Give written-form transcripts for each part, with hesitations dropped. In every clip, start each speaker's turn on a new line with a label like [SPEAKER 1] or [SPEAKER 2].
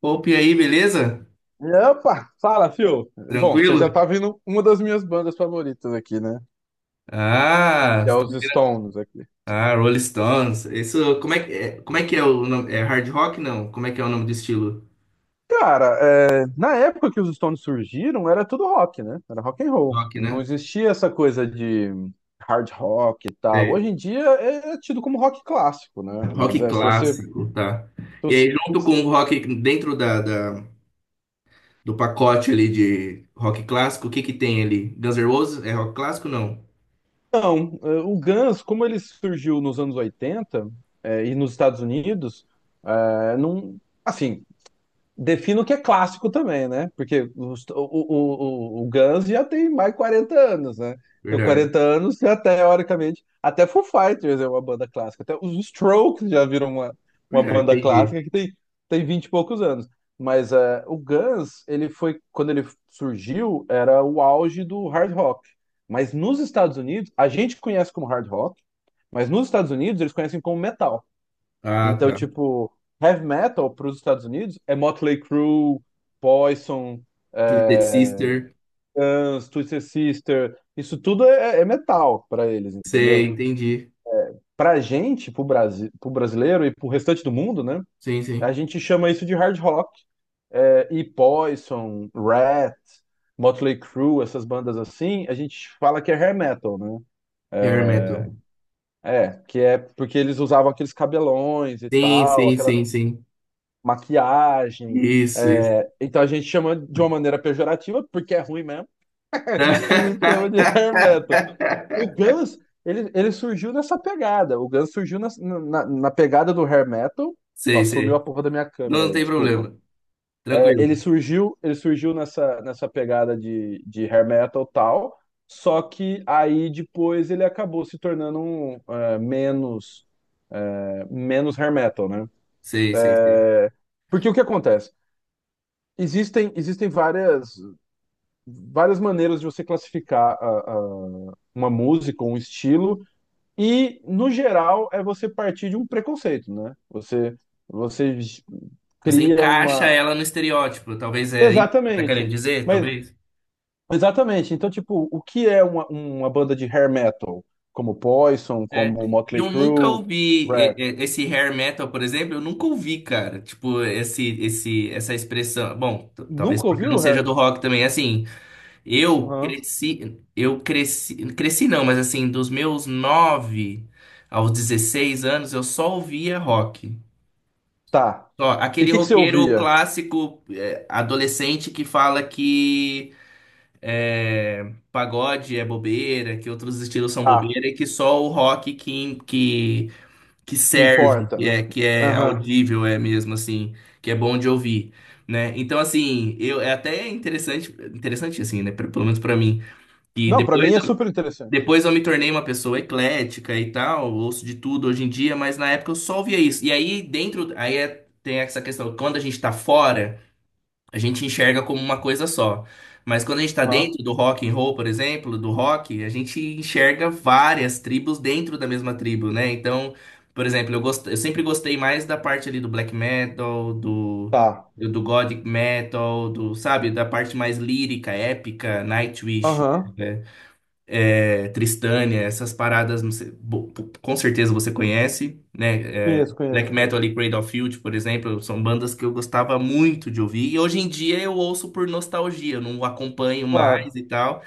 [SPEAKER 1] Opa, e aí, beleza?
[SPEAKER 2] Opa, fala, fio. Bom, você
[SPEAKER 1] Tranquilo?
[SPEAKER 2] já tá vendo uma das minhas bandas favoritas aqui, né?
[SPEAKER 1] Ah,
[SPEAKER 2] Que é
[SPEAKER 1] você tá-
[SPEAKER 2] os
[SPEAKER 1] ouvindo-
[SPEAKER 2] Stones aqui.
[SPEAKER 1] ah, Rolling Stones. Isso, como é que é o nome? É hard rock, não? Como é que é o nome do estilo?
[SPEAKER 2] Cara, é, na época que os Stones surgiram, era tudo rock, né? Era rock and roll.
[SPEAKER 1] Rock, né?
[SPEAKER 2] Não existia essa coisa de hard rock e tal. Hoje
[SPEAKER 1] Sei.
[SPEAKER 2] em dia é tido como rock clássico, né? Mas
[SPEAKER 1] Rock
[SPEAKER 2] é, se você... se
[SPEAKER 1] clássico, tá. E
[SPEAKER 2] você-
[SPEAKER 1] aí, junto com o rock, dentro do pacote ali de rock clássico, o que que tem ali? Guns N' Roses é rock clássico, não?
[SPEAKER 2] Não, é, o Guns, como ele surgiu nos anos 80, é, e nos Estados Unidos, é, não... Assim, defino o que é clássico também, né? Porque o Guns já tem mais de 40 anos, né? Então,
[SPEAKER 1] Verdade,
[SPEAKER 2] 40 anos, já teoricamente, até Foo Fighters é uma banda clássica. Até os Strokes já viram uma
[SPEAKER 1] verdade,
[SPEAKER 2] banda
[SPEAKER 1] entendi.
[SPEAKER 2] clássica que tem 20 e poucos anos. Mas o Guns, ele foi, quando ele surgiu, era o auge do hard rock. Mas nos Estados Unidos, a gente conhece como hard rock, mas nos Estados Unidos eles conhecem como metal.
[SPEAKER 1] Ah,
[SPEAKER 2] Então,
[SPEAKER 1] tá.
[SPEAKER 2] tipo, heavy metal para os Estados Unidos é Motley Crue, Poison,
[SPEAKER 1] Twisted
[SPEAKER 2] é,
[SPEAKER 1] Sister,
[SPEAKER 2] Guns, Twisted Sister, isso tudo é metal para eles,
[SPEAKER 1] sei,
[SPEAKER 2] entendeu?
[SPEAKER 1] entendi.
[SPEAKER 2] Pra gente, pro brasileiro e pro restante do mundo, né?
[SPEAKER 1] Sim,
[SPEAKER 2] A
[SPEAKER 1] sim.
[SPEAKER 2] gente chama isso de hard rock. É, e Poison, Rat, Motley Crue, essas bandas assim, a gente fala que é hair metal, né?
[SPEAKER 1] Hair metal.
[SPEAKER 2] É, que é porque eles usavam aqueles cabelões e
[SPEAKER 1] Sim,
[SPEAKER 2] tal,
[SPEAKER 1] sim,
[SPEAKER 2] aquela
[SPEAKER 1] sim, sim.
[SPEAKER 2] maquiagem.
[SPEAKER 1] Isso, isso.
[SPEAKER 2] É, então a gente chama de uma maneira pejorativa, porque é ruim mesmo, a gente chama de hair metal. O Guns, ele surgiu nessa pegada. O Guns surgiu na pegada do hair metal. Ó,
[SPEAKER 1] Sei,
[SPEAKER 2] sumiu a
[SPEAKER 1] sei.
[SPEAKER 2] porra da minha
[SPEAKER 1] Não,
[SPEAKER 2] câmera
[SPEAKER 1] não
[SPEAKER 2] aí,
[SPEAKER 1] tem
[SPEAKER 2] desculpa.
[SPEAKER 1] problema.
[SPEAKER 2] É,
[SPEAKER 1] Tranquilo.
[SPEAKER 2] ele surgiu nessa pegada de hair metal e tal, só que aí depois ele acabou se tornando um, é, menos hair metal, né?
[SPEAKER 1] Sei, sei, sei.
[SPEAKER 2] É, porque o que acontece? Existem várias maneiras de você classificar uma música, um estilo, e, no geral, é você partir de um preconceito, né? Você
[SPEAKER 1] Você
[SPEAKER 2] cria
[SPEAKER 1] encaixa
[SPEAKER 2] uma.
[SPEAKER 1] ela no estereótipo. Talvez é isso que tá querendo
[SPEAKER 2] Exatamente.
[SPEAKER 1] dizer,
[SPEAKER 2] Mas,
[SPEAKER 1] talvez.
[SPEAKER 2] exatamente. Então, tipo, o que é uma banda de hair metal? Como Poison,
[SPEAKER 1] É.
[SPEAKER 2] como
[SPEAKER 1] E
[SPEAKER 2] Motley
[SPEAKER 1] eu nunca
[SPEAKER 2] Crue,
[SPEAKER 1] ouvi
[SPEAKER 2] Red.
[SPEAKER 1] esse hair metal, por exemplo, eu nunca ouvi, cara. Tipo, essa expressão. Bom, talvez
[SPEAKER 2] Nunca
[SPEAKER 1] porque eu não
[SPEAKER 2] ouviu
[SPEAKER 1] seja
[SPEAKER 2] hair?
[SPEAKER 1] do rock também. Assim,
[SPEAKER 2] Aham.
[SPEAKER 1] eu cresci, cresci não, mas assim, dos meus 9 aos 16 anos, eu só ouvia rock.
[SPEAKER 2] Tá.
[SPEAKER 1] Ó,
[SPEAKER 2] E o
[SPEAKER 1] aquele
[SPEAKER 2] que que você
[SPEAKER 1] roqueiro
[SPEAKER 2] ouvia?
[SPEAKER 1] clássico, é, adolescente que fala que é, pagode é bobeira, que outros estilos são
[SPEAKER 2] Ah,
[SPEAKER 1] bobeira e que só o rock que
[SPEAKER 2] que
[SPEAKER 1] serve,
[SPEAKER 2] importa,
[SPEAKER 1] que
[SPEAKER 2] né?
[SPEAKER 1] é, que é
[SPEAKER 2] Aham.
[SPEAKER 1] audível, é mesmo assim, que é bom de ouvir, né? Então, assim, eu, é até interessante, interessante assim, né? Pelo menos pra mim, que
[SPEAKER 2] Não, pra
[SPEAKER 1] depois
[SPEAKER 2] mim é super interessante.
[SPEAKER 1] depois eu me tornei uma pessoa eclética e tal, ouço de tudo hoje em dia, mas na época eu só ouvia isso. E aí dentro, tem essa questão, quando a gente tá fora, a gente enxerga como uma coisa só. Mas quando a gente tá
[SPEAKER 2] Aham,
[SPEAKER 1] dentro do rock and roll, por exemplo, do rock, a gente enxerga várias tribos dentro da mesma tribo, né? Então, por exemplo, eu sempre gostei mais da parte ali do black metal, do
[SPEAKER 2] tá.
[SPEAKER 1] do do gothic metal, do, sabe, da parte mais lírica, épica, Nightwish.
[SPEAKER 2] Aham.
[SPEAKER 1] né? É, Tristânia, essas paradas, não sei, com certeza você conhece, né? É,
[SPEAKER 2] Conheço, conheço,
[SPEAKER 1] Black Metal
[SPEAKER 2] conheço.
[SPEAKER 1] ali, Cradle of Filth, por exemplo, são bandas que eu gostava muito de ouvir. E hoje em dia eu ouço por nostalgia, eu não acompanho mais
[SPEAKER 2] Claro.
[SPEAKER 1] e tal.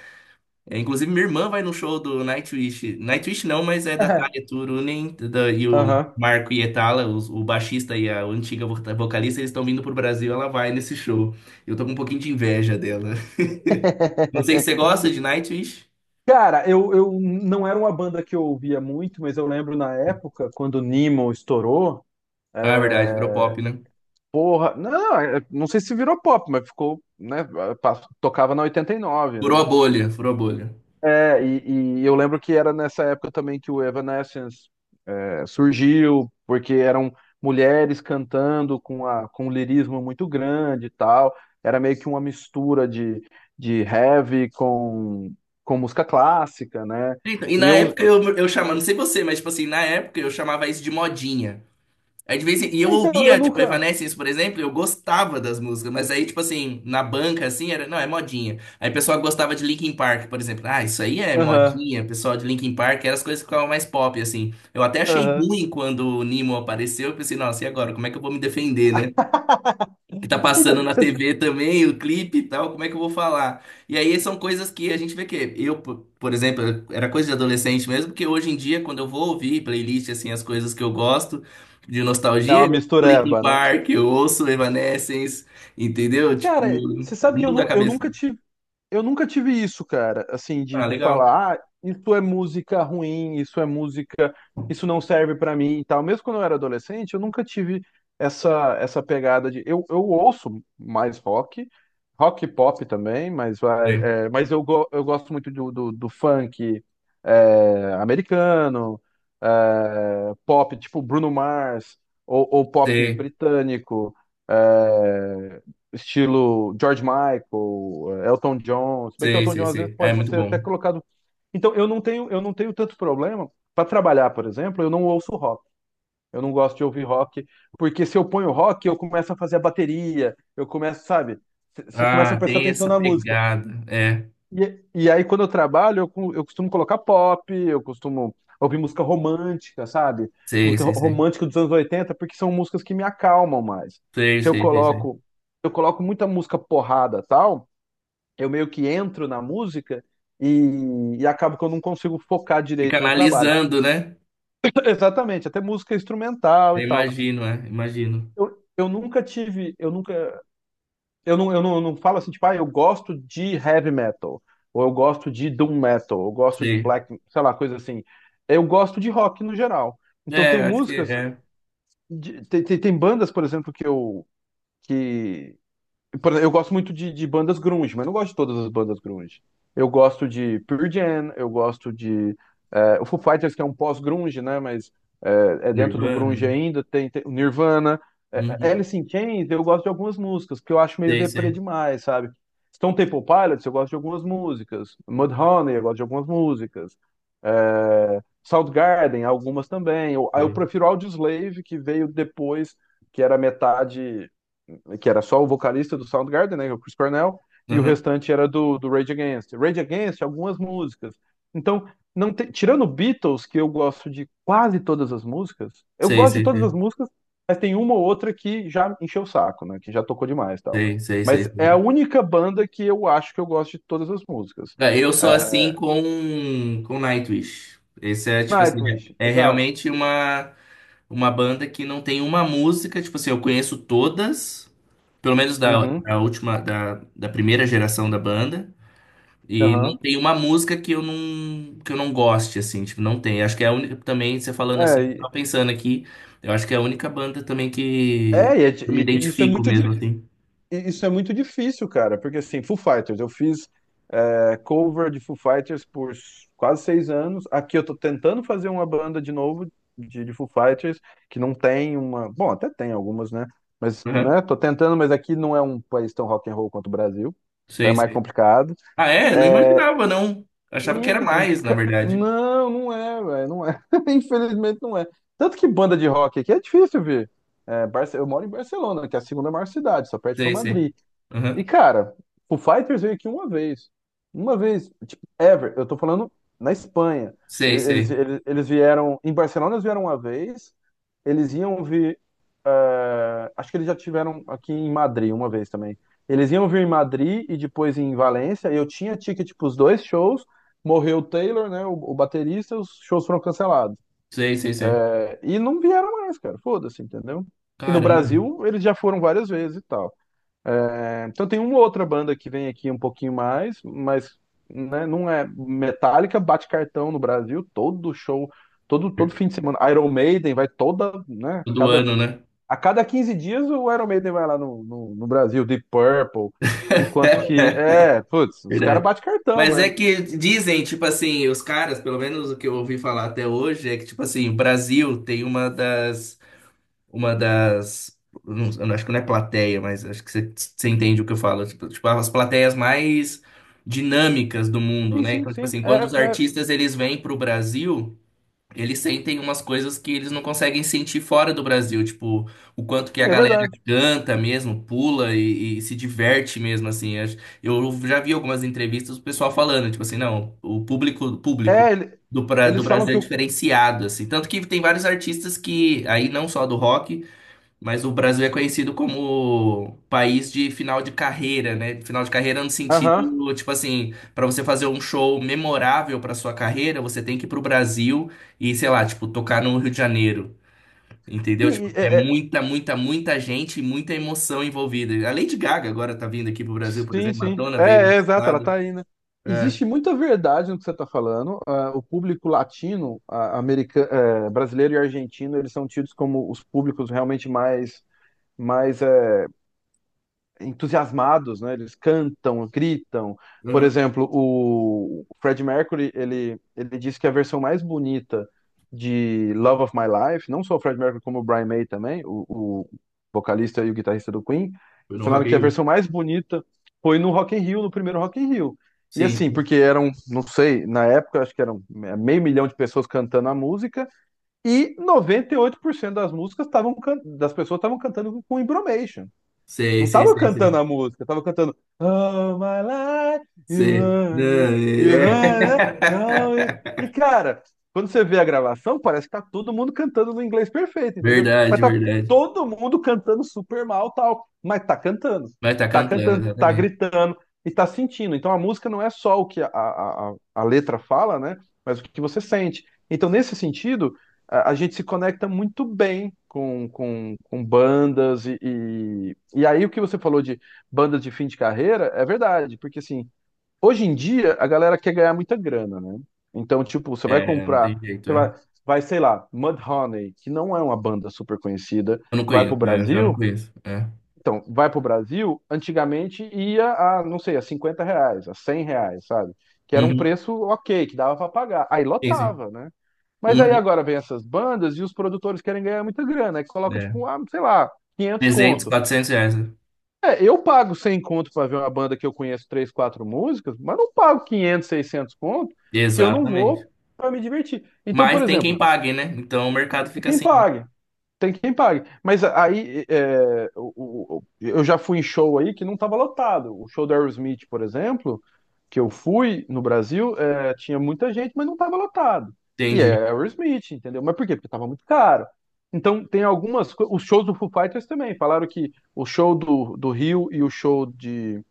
[SPEAKER 1] É, inclusive, minha irmã vai no show do Nightwish. Nightwish não, mas é da Tarja Turunen e o
[SPEAKER 2] Aham.
[SPEAKER 1] Marco Hietala, o baixista e a antiga vocalista, eles estão vindo pro Brasil, ela vai nesse show. Eu tô com um pouquinho de inveja dela. Não sei se você gosta de Nightwish.
[SPEAKER 2] Cara, eu não era uma banda que eu ouvia muito, mas eu lembro na época, quando o Nemo estourou,
[SPEAKER 1] Ah, é verdade,
[SPEAKER 2] é,
[SPEAKER 1] Europop, né?
[SPEAKER 2] porra, não, é, não sei se virou pop, mas ficou, né, tocava na 89,
[SPEAKER 1] Furou a
[SPEAKER 2] né?
[SPEAKER 1] bolha, furou a bolha.
[SPEAKER 2] É, e eu lembro que era nessa época também que o Evanescence surgiu porque eram mulheres cantando com um lirismo muito grande e tal. Era meio que uma mistura de heavy com música clássica, né?
[SPEAKER 1] Então, e na
[SPEAKER 2] E eu.
[SPEAKER 1] época eu chamava, não sei você, mas tipo assim, na época eu chamava isso de modinha. Aí e eu
[SPEAKER 2] Então, eu
[SPEAKER 1] ouvia, tipo,
[SPEAKER 2] nunca.
[SPEAKER 1] Evanescence, por exemplo, eu gostava das músicas, mas aí, tipo assim, na banca, assim, era, não, é modinha. Aí o pessoal gostava de Linkin Park, por exemplo. Ah, isso aí é
[SPEAKER 2] Aham,
[SPEAKER 1] modinha, o pessoal de Linkin Park, eram as coisas que ficavam mais pop, assim. Eu até achei
[SPEAKER 2] aham.
[SPEAKER 1] ruim quando o Nemo apareceu, eu pensei, nossa, e agora, como é que eu vou me defender, né? Que tá
[SPEAKER 2] Então,
[SPEAKER 1] passando na
[SPEAKER 2] você-
[SPEAKER 1] TV também, o clipe e tal, como é que eu vou falar? E aí são coisas que a gente vê que por exemplo, era coisa de adolescente mesmo, que hoje em dia, quando eu vou ouvir playlist, assim, as coisas que eu gosto de
[SPEAKER 2] É
[SPEAKER 1] nostalgia,
[SPEAKER 2] uma
[SPEAKER 1] eu ouço Linkin
[SPEAKER 2] mistureba, né?
[SPEAKER 1] Park, eu ouço Evanescence, entendeu? Tipo,
[SPEAKER 2] Cara, você sabe que eu,
[SPEAKER 1] muda a
[SPEAKER 2] nu- eu
[SPEAKER 1] cabeça.
[SPEAKER 2] nunca tive. Eu nunca tive isso, cara, assim, de,
[SPEAKER 1] Ah,
[SPEAKER 2] de
[SPEAKER 1] legal.
[SPEAKER 2] falar, ah, isso é música ruim, isso é música, isso não serve pra mim e tal. Mesmo quando eu era adolescente, eu nunca tive essa pegada de. Eu ouço mais rock e pop também, mas vai.
[SPEAKER 1] Sei,
[SPEAKER 2] É, mas eu gosto muito do funk é, americano, é, pop tipo Bruno Mars, ou pop
[SPEAKER 1] sei,
[SPEAKER 2] britânico. É, estilo George Michael, Elton John, se bem que
[SPEAKER 1] sei,
[SPEAKER 2] Elton
[SPEAKER 1] sei.
[SPEAKER 2] John às vezes
[SPEAKER 1] Sei. Ah, é
[SPEAKER 2] pode
[SPEAKER 1] muito
[SPEAKER 2] ser até
[SPEAKER 1] bom.
[SPEAKER 2] colocado. Então eu não tenho tanto problema para trabalhar, por exemplo, eu não ouço rock. Eu não gosto de ouvir rock, porque se eu ponho rock, eu começo a fazer a bateria, eu começo, sabe? Você começa a
[SPEAKER 1] Ah,
[SPEAKER 2] prestar
[SPEAKER 1] tem
[SPEAKER 2] atenção
[SPEAKER 1] essa
[SPEAKER 2] na música.
[SPEAKER 1] pegada. É,
[SPEAKER 2] E aí, quando eu trabalho, eu costumo colocar pop, eu costumo ouvir música romântica, sabe?
[SPEAKER 1] sei,
[SPEAKER 2] Música ro-
[SPEAKER 1] sei, sei.
[SPEAKER 2] romântica dos anos 80 porque são músicas que me acalmam mais.
[SPEAKER 1] Sei,
[SPEAKER 2] Se eu
[SPEAKER 1] sei, sei, sei.
[SPEAKER 2] coloco, eu coloco muita música porrada, tal, eu meio que entro na música e acabo que eu não consigo focar
[SPEAKER 1] Fica
[SPEAKER 2] direito no trabalho.
[SPEAKER 1] analisando, né?
[SPEAKER 2] Exatamente, até música instrumental e
[SPEAKER 1] Eu
[SPEAKER 2] tal.
[SPEAKER 1] imagino, é, imagino.
[SPEAKER 2] Eu nunca eu não, eu não, eu não falo assim, tipo, ah, eu gosto de heavy metal, ou eu gosto de doom metal, ou eu gosto de
[SPEAKER 1] Sei.
[SPEAKER 2] black, sei lá, coisa assim. Eu gosto de rock no geral. Então
[SPEAKER 1] É,
[SPEAKER 2] tem
[SPEAKER 1] acho que
[SPEAKER 2] músicas,
[SPEAKER 1] é.
[SPEAKER 2] tem bandas, por exemplo, que eu que por exemplo, eu gosto muito de bandas grunge, mas não gosto de todas as bandas grunge. Eu gosto de Pearl Jam, eu gosto de o Foo Fighters, que é um pós-grunge, né? Mas é dentro do
[SPEAKER 1] Nirvana,
[SPEAKER 2] grunge
[SPEAKER 1] né?
[SPEAKER 2] ainda, tem o Nirvana, é,
[SPEAKER 1] Uhum.
[SPEAKER 2] Alice in Chains, eu gosto de algumas músicas, que eu acho meio
[SPEAKER 1] Sei,
[SPEAKER 2] deprê
[SPEAKER 1] sei,
[SPEAKER 2] demais, sabe? Stone Temple Pilots, eu gosto de algumas músicas. Mudhoney, eu gosto de algumas músicas. É, Soundgarden, algumas também. Eu
[SPEAKER 1] sei.
[SPEAKER 2] prefiro Audioslave, que veio depois, que era metade que era só o vocalista do Soundgarden, né, que é o Chris Cornell, e o
[SPEAKER 1] Uhum.
[SPEAKER 2] restante era do Rage Against. Rage Against, algumas músicas. Então, não tirando Beatles, que eu gosto de quase todas as músicas, eu
[SPEAKER 1] Sei,
[SPEAKER 2] gosto de
[SPEAKER 1] sei,
[SPEAKER 2] todas as
[SPEAKER 1] sei.
[SPEAKER 2] músicas, mas tem uma ou outra que já encheu o saco, né, que já tocou demais e tal.
[SPEAKER 1] Sei, sei, sei,
[SPEAKER 2] Mas é a
[SPEAKER 1] sei.
[SPEAKER 2] única banda que eu acho que eu gosto de todas as músicas.
[SPEAKER 1] É, eu sou assim
[SPEAKER 2] É,
[SPEAKER 1] com Nightwish. Esse é, tipo assim,
[SPEAKER 2] Nightwish,
[SPEAKER 1] é
[SPEAKER 2] exato.
[SPEAKER 1] realmente uma banda que não tem uma música, tipo assim, eu conheço todas, pelo menos da,
[SPEAKER 2] Uhum,
[SPEAKER 1] da última, da primeira geração da banda. E não
[SPEAKER 2] aham.
[SPEAKER 1] tem uma música que eu não goste assim, tipo, não tem. Acho que é a única também, você falando
[SPEAKER 2] É,
[SPEAKER 1] assim, tava
[SPEAKER 2] e-
[SPEAKER 1] pensando aqui, eu acho que é a única banda também que
[SPEAKER 2] é, e é di-
[SPEAKER 1] eu me
[SPEAKER 2] e- e isso é
[SPEAKER 1] identifico
[SPEAKER 2] muito
[SPEAKER 1] mesmo
[SPEAKER 2] difícil
[SPEAKER 1] assim.
[SPEAKER 2] Isso é muito difícil, cara, porque assim, Foo Fighters, eu fiz cover de Foo Fighters por quase 6 anos. Aqui eu tô tentando fazer uma banda de novo de Foo Fighters, que não tem uma. Bom, até tem algumas, né? Mas,
[SPEAKER 1] Aham.
[SPEAKER 2] né, tô tentando, mas aqui não é um país tão rock and roll quanto o Brasil. Então é
[SPEAKER 1] Sei,
[SPEAKER 2] mais
[SPEAKER 1] sei.
[SPEAKER 2] complicado.
[SPEAKER 1] Ah, é? Não
[SPEAKER 2] É,
[SPEAKER 1] imaginava não. Achava que era
[SPEAKER 2] sim,
[SPEAKER 1] mais, na verdade.
[SPEAKER 2] não, não é, velho, não é. Infelizmente não é. Tanto que banda de rock aqui é difícil, ver. É, eu moro em Barcelona, que é a segunda maior cidade, só perde para
[SPEAKER 1] Sei, sei.
[SPEAKER 2] Madrid. E,
[SPEAKER 1] Aham.
[SPEAKER 2] cara, o Fighters veio aqui uma vez. Uma vez, tipo, ever. Eu tô falando na Espanha. Ele-
[SPEAKER 1] Sei,
[SPEAKER 2] Eles,
[SPEAKER 1] sei.
[SPEAKER 2] eles, eles vieram. Em Barcelona eles vieram uma vez. Eles iam vir. Acho que eles já tiveram aqui em Madrid uma vez também. Eles iam vir em Madrid e depois em Valência. Eu tinha ticket para os dois shows. Morreu o Taylor, né? O baterista, os shows foram cancelados.
[SPEAKER 1] Sei, sei, sei.
[SPEAKER 2] E não vieram mais, cara. Foda-se, entendeu? E no
[SPEAKER 1] Caramba.
[SPEAKER 2] Brasil eles já foram várias vezes e tal. É, então tem uma outra banda que vem aqui um pouquinho mais, mas né, não é Metallica, bate cartão no Brasil, todo show, todo fim de semana. Iron Maiden vai toda, né?
[SPEAKER 1] Todo
[SPEAKER 2] Cada,
[SPEAKER 1] ano, né?
[SPEAKER 2] a cada 15 dias o Iron Maiden vai lá no Brasil, Deep Purple, enquanto que, é, putz, os caras
[SPEAKER 1] Verdade.
[SPEAKER 2] bate cartão
[SPEAKER 1] Mas é
[SPEAKER 2] mesmo.
[SPEAKER 1] que dizem, tipo assim, os caras, pelo menos o que eu ouvi falar até hoje, é que, tipo assim, o Brasil tem uma das. Não, eu acho que não é plateia, mas acho que você entende o que eu falo. Tipo, as plateias mais dinâmicas do mundo,
[SPEAKER 2] Sim,
[SPEAKER 1] né?
[SPEAKER 2] sim,
[SPEAKER 1] Então, tipo
[SPEAKER 2] sim,
[SPEAKER 1] assim, quando os
[SPEAKER 2] é, né,
[SPEAKER 1] artistas eles vêm pro Brasil, eles sentem umas coisas que eles não conseguem sentir fora do Brasil. Tipo, o quanto que a
[SPEAKER 2] é
[SPEAKER 1] galera
[SPEAKER 2] verdade.
[SPEAKER 1] canta mesmo, pula e se diverte mesmo, assim. Eu já vi algumas entrevistas do pessoal falando, tipo assim, não, o público
[SPEAKER 2] É,
[SPEAKER 1] do
[SPEAKER 2] eles falam
[SPEAKER 1] Brasil é
[SPEAKER 2] que o.
[SPEAKER 1] diferenciado, assim. Tanto que tem vários artistas que, aí não só do rock, mas o Brasil é conhecido como país de final de carreira, né? Final de carreira no
[SPEAKER 2] Aham.
[SPEAKER 1] sentido, tipo assim, para você fazer um show memorável para sua carreira, você tem que ir pro Brasil e, sei lá, tipo, tocar no Rio de Janeiro. Entendeu? Tipo,
[SPEAKER 2] Sim,
[SPEAKER 1] é muita, muita, muita gente e muita emoção envolvida. A Lady Gaga agora tá vindo aqui pro Brasil, por
[SPEAKER 2] sim,
[SPEAKER 1] exemplo.
[SPEAKER 2] sim.
[SPEAKER 1] Madonna veio
[SPEAKER 2] É,
[SPEAKER 1] no
[SPEAKER 2] exato, ela tá
[SPEAKER 1] passado.
[SPEAKER 2] aí, né?
[SPEAKER 1] É.
[SPEAKER 2] Existe muita verdade no que você está falando. Ah, o público latino, ah, brasileiro e argentino, eles são tidos como os públicos realmente mais, mais é, entusiasmados, né? Eles cantam, gritam. Por
[SPEAKER 1] Uhum.
[SPEAKER 2] exemplo, o Freddie Mercury, ele disse que a versão mais bonita de Love of My Life, não só o Freddie Mercury, como o Brian May também, o vocalista e o guitarrista do Queen,
[SPEAKER 1] Foi no
[SPEAKER 2] falaram
[SPEAKER 1] Rock in
[SPEAKER 2] que a
[SPEAKER 1] Rio.
[SPEAKER 2] versão mais bonita foi no Rock in Rio, no primeiro Rock in Rio. E
[SPEAKER 1] Sim.
[SPEAKER 2] assim, porque eram, não sei, na época acho que eram meio milhão de pessoas cantando a música e 98% das pessoas estavam cantando com embromation.
[SPEAKER 1] Sei,
[SPEAKER 2] Não
[SPEAKER 1] sei,
[SPEAKER 2] tava
[SPEAKER 1] sei,
[SPEAKER 2] cantando
[SPEAKER 1] sei.
[SPEAKER 2] a música, tava cantando Oh my life,
[SPEAKER 1] Sei. Ah,
[SPEAKER 2] you hurt me, don't
[SPEAKER 1] é.
[SPEAKER 2] you? E cara, quando você vê a gravação, parece que tá todo mundo cantando no inglês perfeito, entendeu? Mas
[SPEAKER 1] Verdade,
[SPEAKER 2] tá
[SPEAKER 1] verdade.
[SPEAKER 2] todo mundo cantando super mal, tal, mas tá cantando,
[SPEAKER 1] Vai estar
[SPEAKER 2] tá
[SPEAKER 1] cantando,
[SPEAKER 2] cantando, tá
[SPEAKER 1] exatamente.
[SPEAKER 2] gritando e tá sentindo. Então a música não é só o que a letra fala, né? Mas o que você sente. Então, nesse sentido, a gente se conecta muito bem com bandas e aí o que você falou de bandas de fim de carreira é verdade, porque assim, hoje em dia a galera quer ganhar muita grana, né? Então, tipo, você vai
[SPEAKER 1] É, não
[SPEAKER 2] comprar,
[SPEAKER 1] tem jeito,
[SPEAKER 2] você
[SPEAKER 1] é.
[SPEAKER 2] vai, sei lá, Mudhoney, que não é uma banda super conhecida,
[SPEAKER 1] Eu não
[SPEAKER 2] vai pro
[SPEAKER 1] conheço, é, eu já não
[SPEAKER 2] Brasil,
[SPEAKER 1] conheço. É.
[SPEAKER 2] então, vai para o Brasil, antigamente ia a, não sei, a 50 reais, a 100 reais, sabe? Que era um
[SPEAKER 1] Uhum.
[SPEAKER 2] preço ok, que dava para pagar. Aí
[SPEAKER 1] Sim, sim.
[SPEAKER 2] lotava, né? Mas aí
[SPEAKER 1] Uhum.
[SPEAKER 2] agora vem essas bandas e os produtores querem ganhar muita grana, aí coloca
[SPEAKER 1] É.
[SPEAKER 2] tipo, sei lá, 500
[SPEAKER 1] 300,
[SPEAKER 2] conto.
[SPEAKER 1] 400 reais. né?
[SPEAKER 2] É, eu pago 100 conto para ver uma banda que eu conheço 3, 4 músicas, mas não pago 500, 600 conto se eu não
[SPEAKER 1] Exatamente.
[SPEAKER 2] vou para me divertir. Então, por
[SPEAKER 1] Mas tem quem
[SPEAKER 2] exemplo,
[SPEAKER 1] pague, né? Então o mercado fica
[SPEAKER 2] quem
[SPEAKER 1] assim, né?
[SPEAKER 2] paga? Tem quem pague. Mas aí eu já fui em show aí que não estava lotado. O show do Aerosmith, por exemplo, que eu fui no Brasil, tinha muita gente, mas não estava lotado. E
[SPEAKER 1] Entendi.
[SPEAKER 2] é Aerosmith, entendeu? Mas por quê? Porque estava muito caro. Então tem algumas coisas. Os shows do Foo Fighters também. Falaram que o show do Rio e o show de,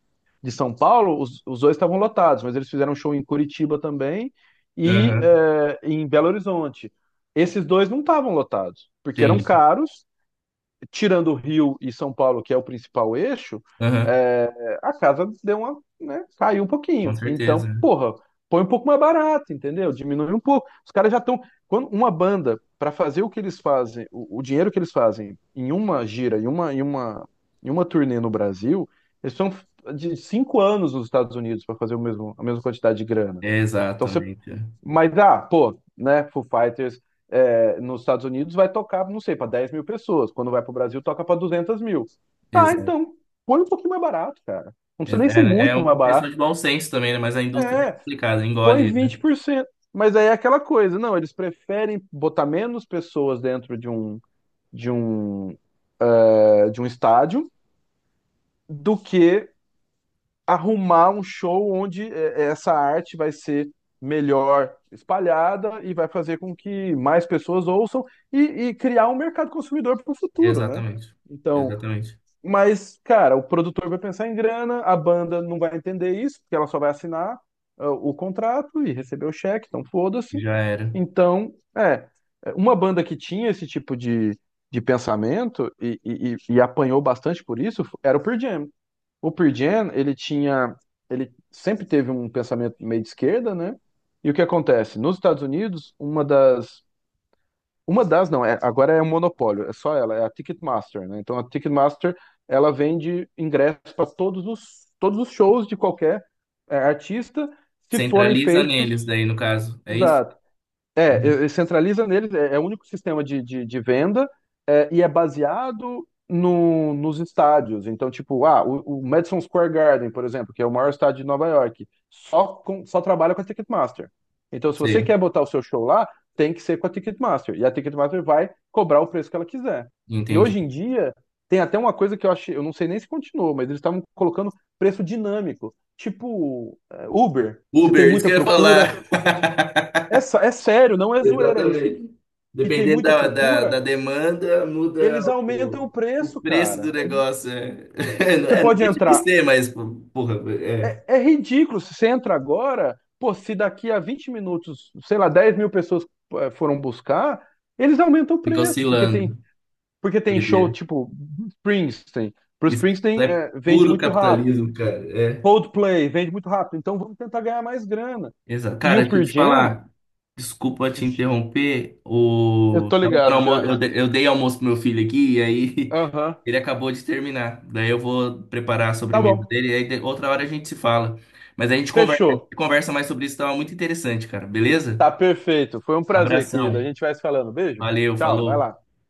[SPEAKER 2] de São Paulo, os dois estavam lotados, mas eles fizeram um show em Curitiba também e
[SPEAKER 1] Aham.
[SPEAKER 2] em Belo Horizonte. Esses dois não estavam lotados, porque eram
[SPEAKER 1] Entendi.
[SPEAKER 2] caros tirando o Rio e São Paulo, que é o principal eixo,
[SPEAKER 1] Aham.
[SPEAKER 2] é, a casa deu uma, né, caiu um
[SPEAKER 1] Com
[SPEAKER 2] pouquinho. Então,
[SPEAKER 1] certeza.
[SPEAKER 2] porra, põe um pouco mais barato, entendeu? Diminui um pouco. Os caras já estão. Quando uma banda, para fazer o que eles fazem, o dinheiro que eles fazem em uma gira, em uma turnê no Brasil, eles são de 5 anos nos Estados Unidos para fazer o mesmo, a mesma quantidade de grana. Então você
[SPEAKER 1] Exatamente.
[SPEAKER 2] mas, pô, né? Foo Fighters nos Estados Unidos vai tocar, não sei, para 10 mil pessoas. Quando vai para o Brasil, toca para 200 mil. Tá,
[SPEAKER 1] Exato.
[SPEAKER 2] então, põe um pouquinho mais barato, cara. Não precisa nem ser
[SPEAKER 1] É
[SPEAKER 2] muito mais
[SPEAKER 1] uma questão
[SPEAKER 2] barato.
[SPEAKER 1] de bom senso também, né? Mas a indústria é
[SPEAKER 2] É,
[SPEAKER 1] complicada,
[SPEAKER 2] põe
[SPEAKER 1] engole, né?
[SPEAKER 2] 20%. Mas aí é aquela coisa, não, eles preferem botar menos pessoas dentro de um, de um estádio do que arrumar um show onde essa arte vai ser melhor espalhada e vai fazer com que mais pessoas ouçam e, e criar um mercado consumidor para o futuro, né?
[SPEAKER 1] Exatamente.
[SPEAKER 2] Então,
[SPEAKER 1] Exatamente.
[SPEAKER 2] mas, cara, o produtor vai pensar em grana, a banda não vai entender isso, porque ela só vai assinar o contrato e receber o cheque, então foda-se.
[SPEAKER 1] Já era.
[SPEAKER 2] Então, uma banda que tinha esse tipo de pensamento e apanhou bastante por isso era o Pearl Jam. O Pearl Jam, ele sempre teve um pensamento meio de esquerda, né? E o que acontece? Nos Estados Unidos, uma das não, agora é um monopólio, é só ela, é a Ticketmaster, né? Então a Ticketmaster, ela vende ingressos para todos os shows de qualquer artista, se forem
[SPEAKER 1] Centraliza
[SPEAKER 2] feitos,
[SPEAKER 1] neles daí, no caso. É isso?
[SPEAKER 2] exato,
[SPEAKER 1] Uhum.
[SPEAKER 2] e centraliza neles, é o único sistema de venda e é baseado no, nos estádios. Então, tipo, o Madison Square Garden, por exemplo, que é o maior estádio de Nova York, só trabalha com a Ticketmaster. Então, se você
[SPEAKER 1] Sim.
[SPEAKER 2] quer botar o seu show lá, tem que ser com a Ticketmaster. E a Ticketmaster vai cobrar o preço que ela quiser. E
[SPEAKER 1] Entendi.
[SPEAKER 2] hoje em dia, tem até uma coisa que eu achei, eu não sei nem se continuou, mas eles estavam colocando preço dinâmico. Tipo, Uber. Se tem
[SPEAKER 1] Uber, isso que
[SPEAKER 2] muita
[SPEAKER 1] eu ia
[SPEAKER 2] procura,
[SPEAKER 1] falar.
[SPEAKER 2] é sério, não é zoeira isso.
[SPEAKER 1] Exatamente.
[SPEAKER 2] E tem
[SPEAKER 1] Dependendo
[SPEAKER 2] muita
[SPEAKER 1] da, da,
[SPEAKER 2] procura,
[SPEAKER 1] da demanda, muda
[SPEAKER 2] eles aumentam
[SPEAKER 1] o,
[SPEAKER 2] o
[SPEAKER 1] o
[SPEAKER 2] preço,
[SPEAKER 1] preço
[SPEAKER 2] cara.
[SPEAKER 1] do negócio. É. Não,
[SPEAKER 2] Você
[SPEAKER 1] é, não
[SPEAKER 2] pode
[SPEAKER 1] deixa de
[SPEAKER 2] entrar.
[SPEAKER 1] ser, mas, pô, porra, é,
[SPEAKER 2] É ridículo. Se você entra agora, pô, se daqui a 20 minutos, sei lá, 10 mil pessoas foram buscar, eles aumentam o
[SPEAKER 1] fica
[SPEAKER 2] preço,
[SPEAKER 1] oscilando.
[SPEAKER 2] porque tem show
[SPEAKER 1] doideira.
[SPEAKER 2] tipo Springsteen. Pro
[SPEAKER 1] Isso
[SPEAKER 2] Springsteen,
[SPEAKER 1] é
[SPEAKER 2] vende
[SPEAKER 1] puro
[SPEAKER 2] muito rápido.
[SPEAKER 1] capitalismo, cara. É.
[SPEAKER 2] Coldplay vende muito rápido. Então vamos tentar ganhar mais grana.
[SPEAKER 1] Exato.
[SPEAKER 2] E
[SPEAKER 1] Cara,
[SPEAKER 2] o
[SPEAKER 1] deixa eu
[SPEAKER 2] Pearl
[SPEAKER 1] te
[SPEAKER 2] Jam.
[SPEAKER 1] falar. Desculpa te interromper.
[SPEAKER 2] Eu
[SPEAKER 1] O...
[SPEAKER 2] tô
[SPEAKER 1] tava dando
[SPEAKER 2] ligado
[SPEAKER 1] almo-
[SPEAKER 2] já.
[SPEAKER 1] Eu de- eu dei almoço pro meu filho aqui e aí
[SPEAKER 2] Aham.
[SPEAKER 1] ele acabou de terminar. Daí eu vou preparar a
[SPEAKER 2] Tá
[SPEAKER 1] sobremesa
[SPEAKER 2] bom.
[SPEAKER 1] dele e aí outra hora a gente se fala. Mas a gente conversa a
[SPEAKER 2] Fechou.
[SPEAKER 1] gente conversa mais sobre isso, tava muito interessante, cara. Beleza?
[SPEAKER 2] Tá perfeito. Foi um prazer, querido. A
[SPEAKER 1] Abração.
[SPEAKER 2] gente vai se falando. Beijo.
[SPEAKER 1] Valeu,
[SPEAKER 2] Tchau, vai
[SPEAKER 1] falou.
[SPEAKER 2] lá.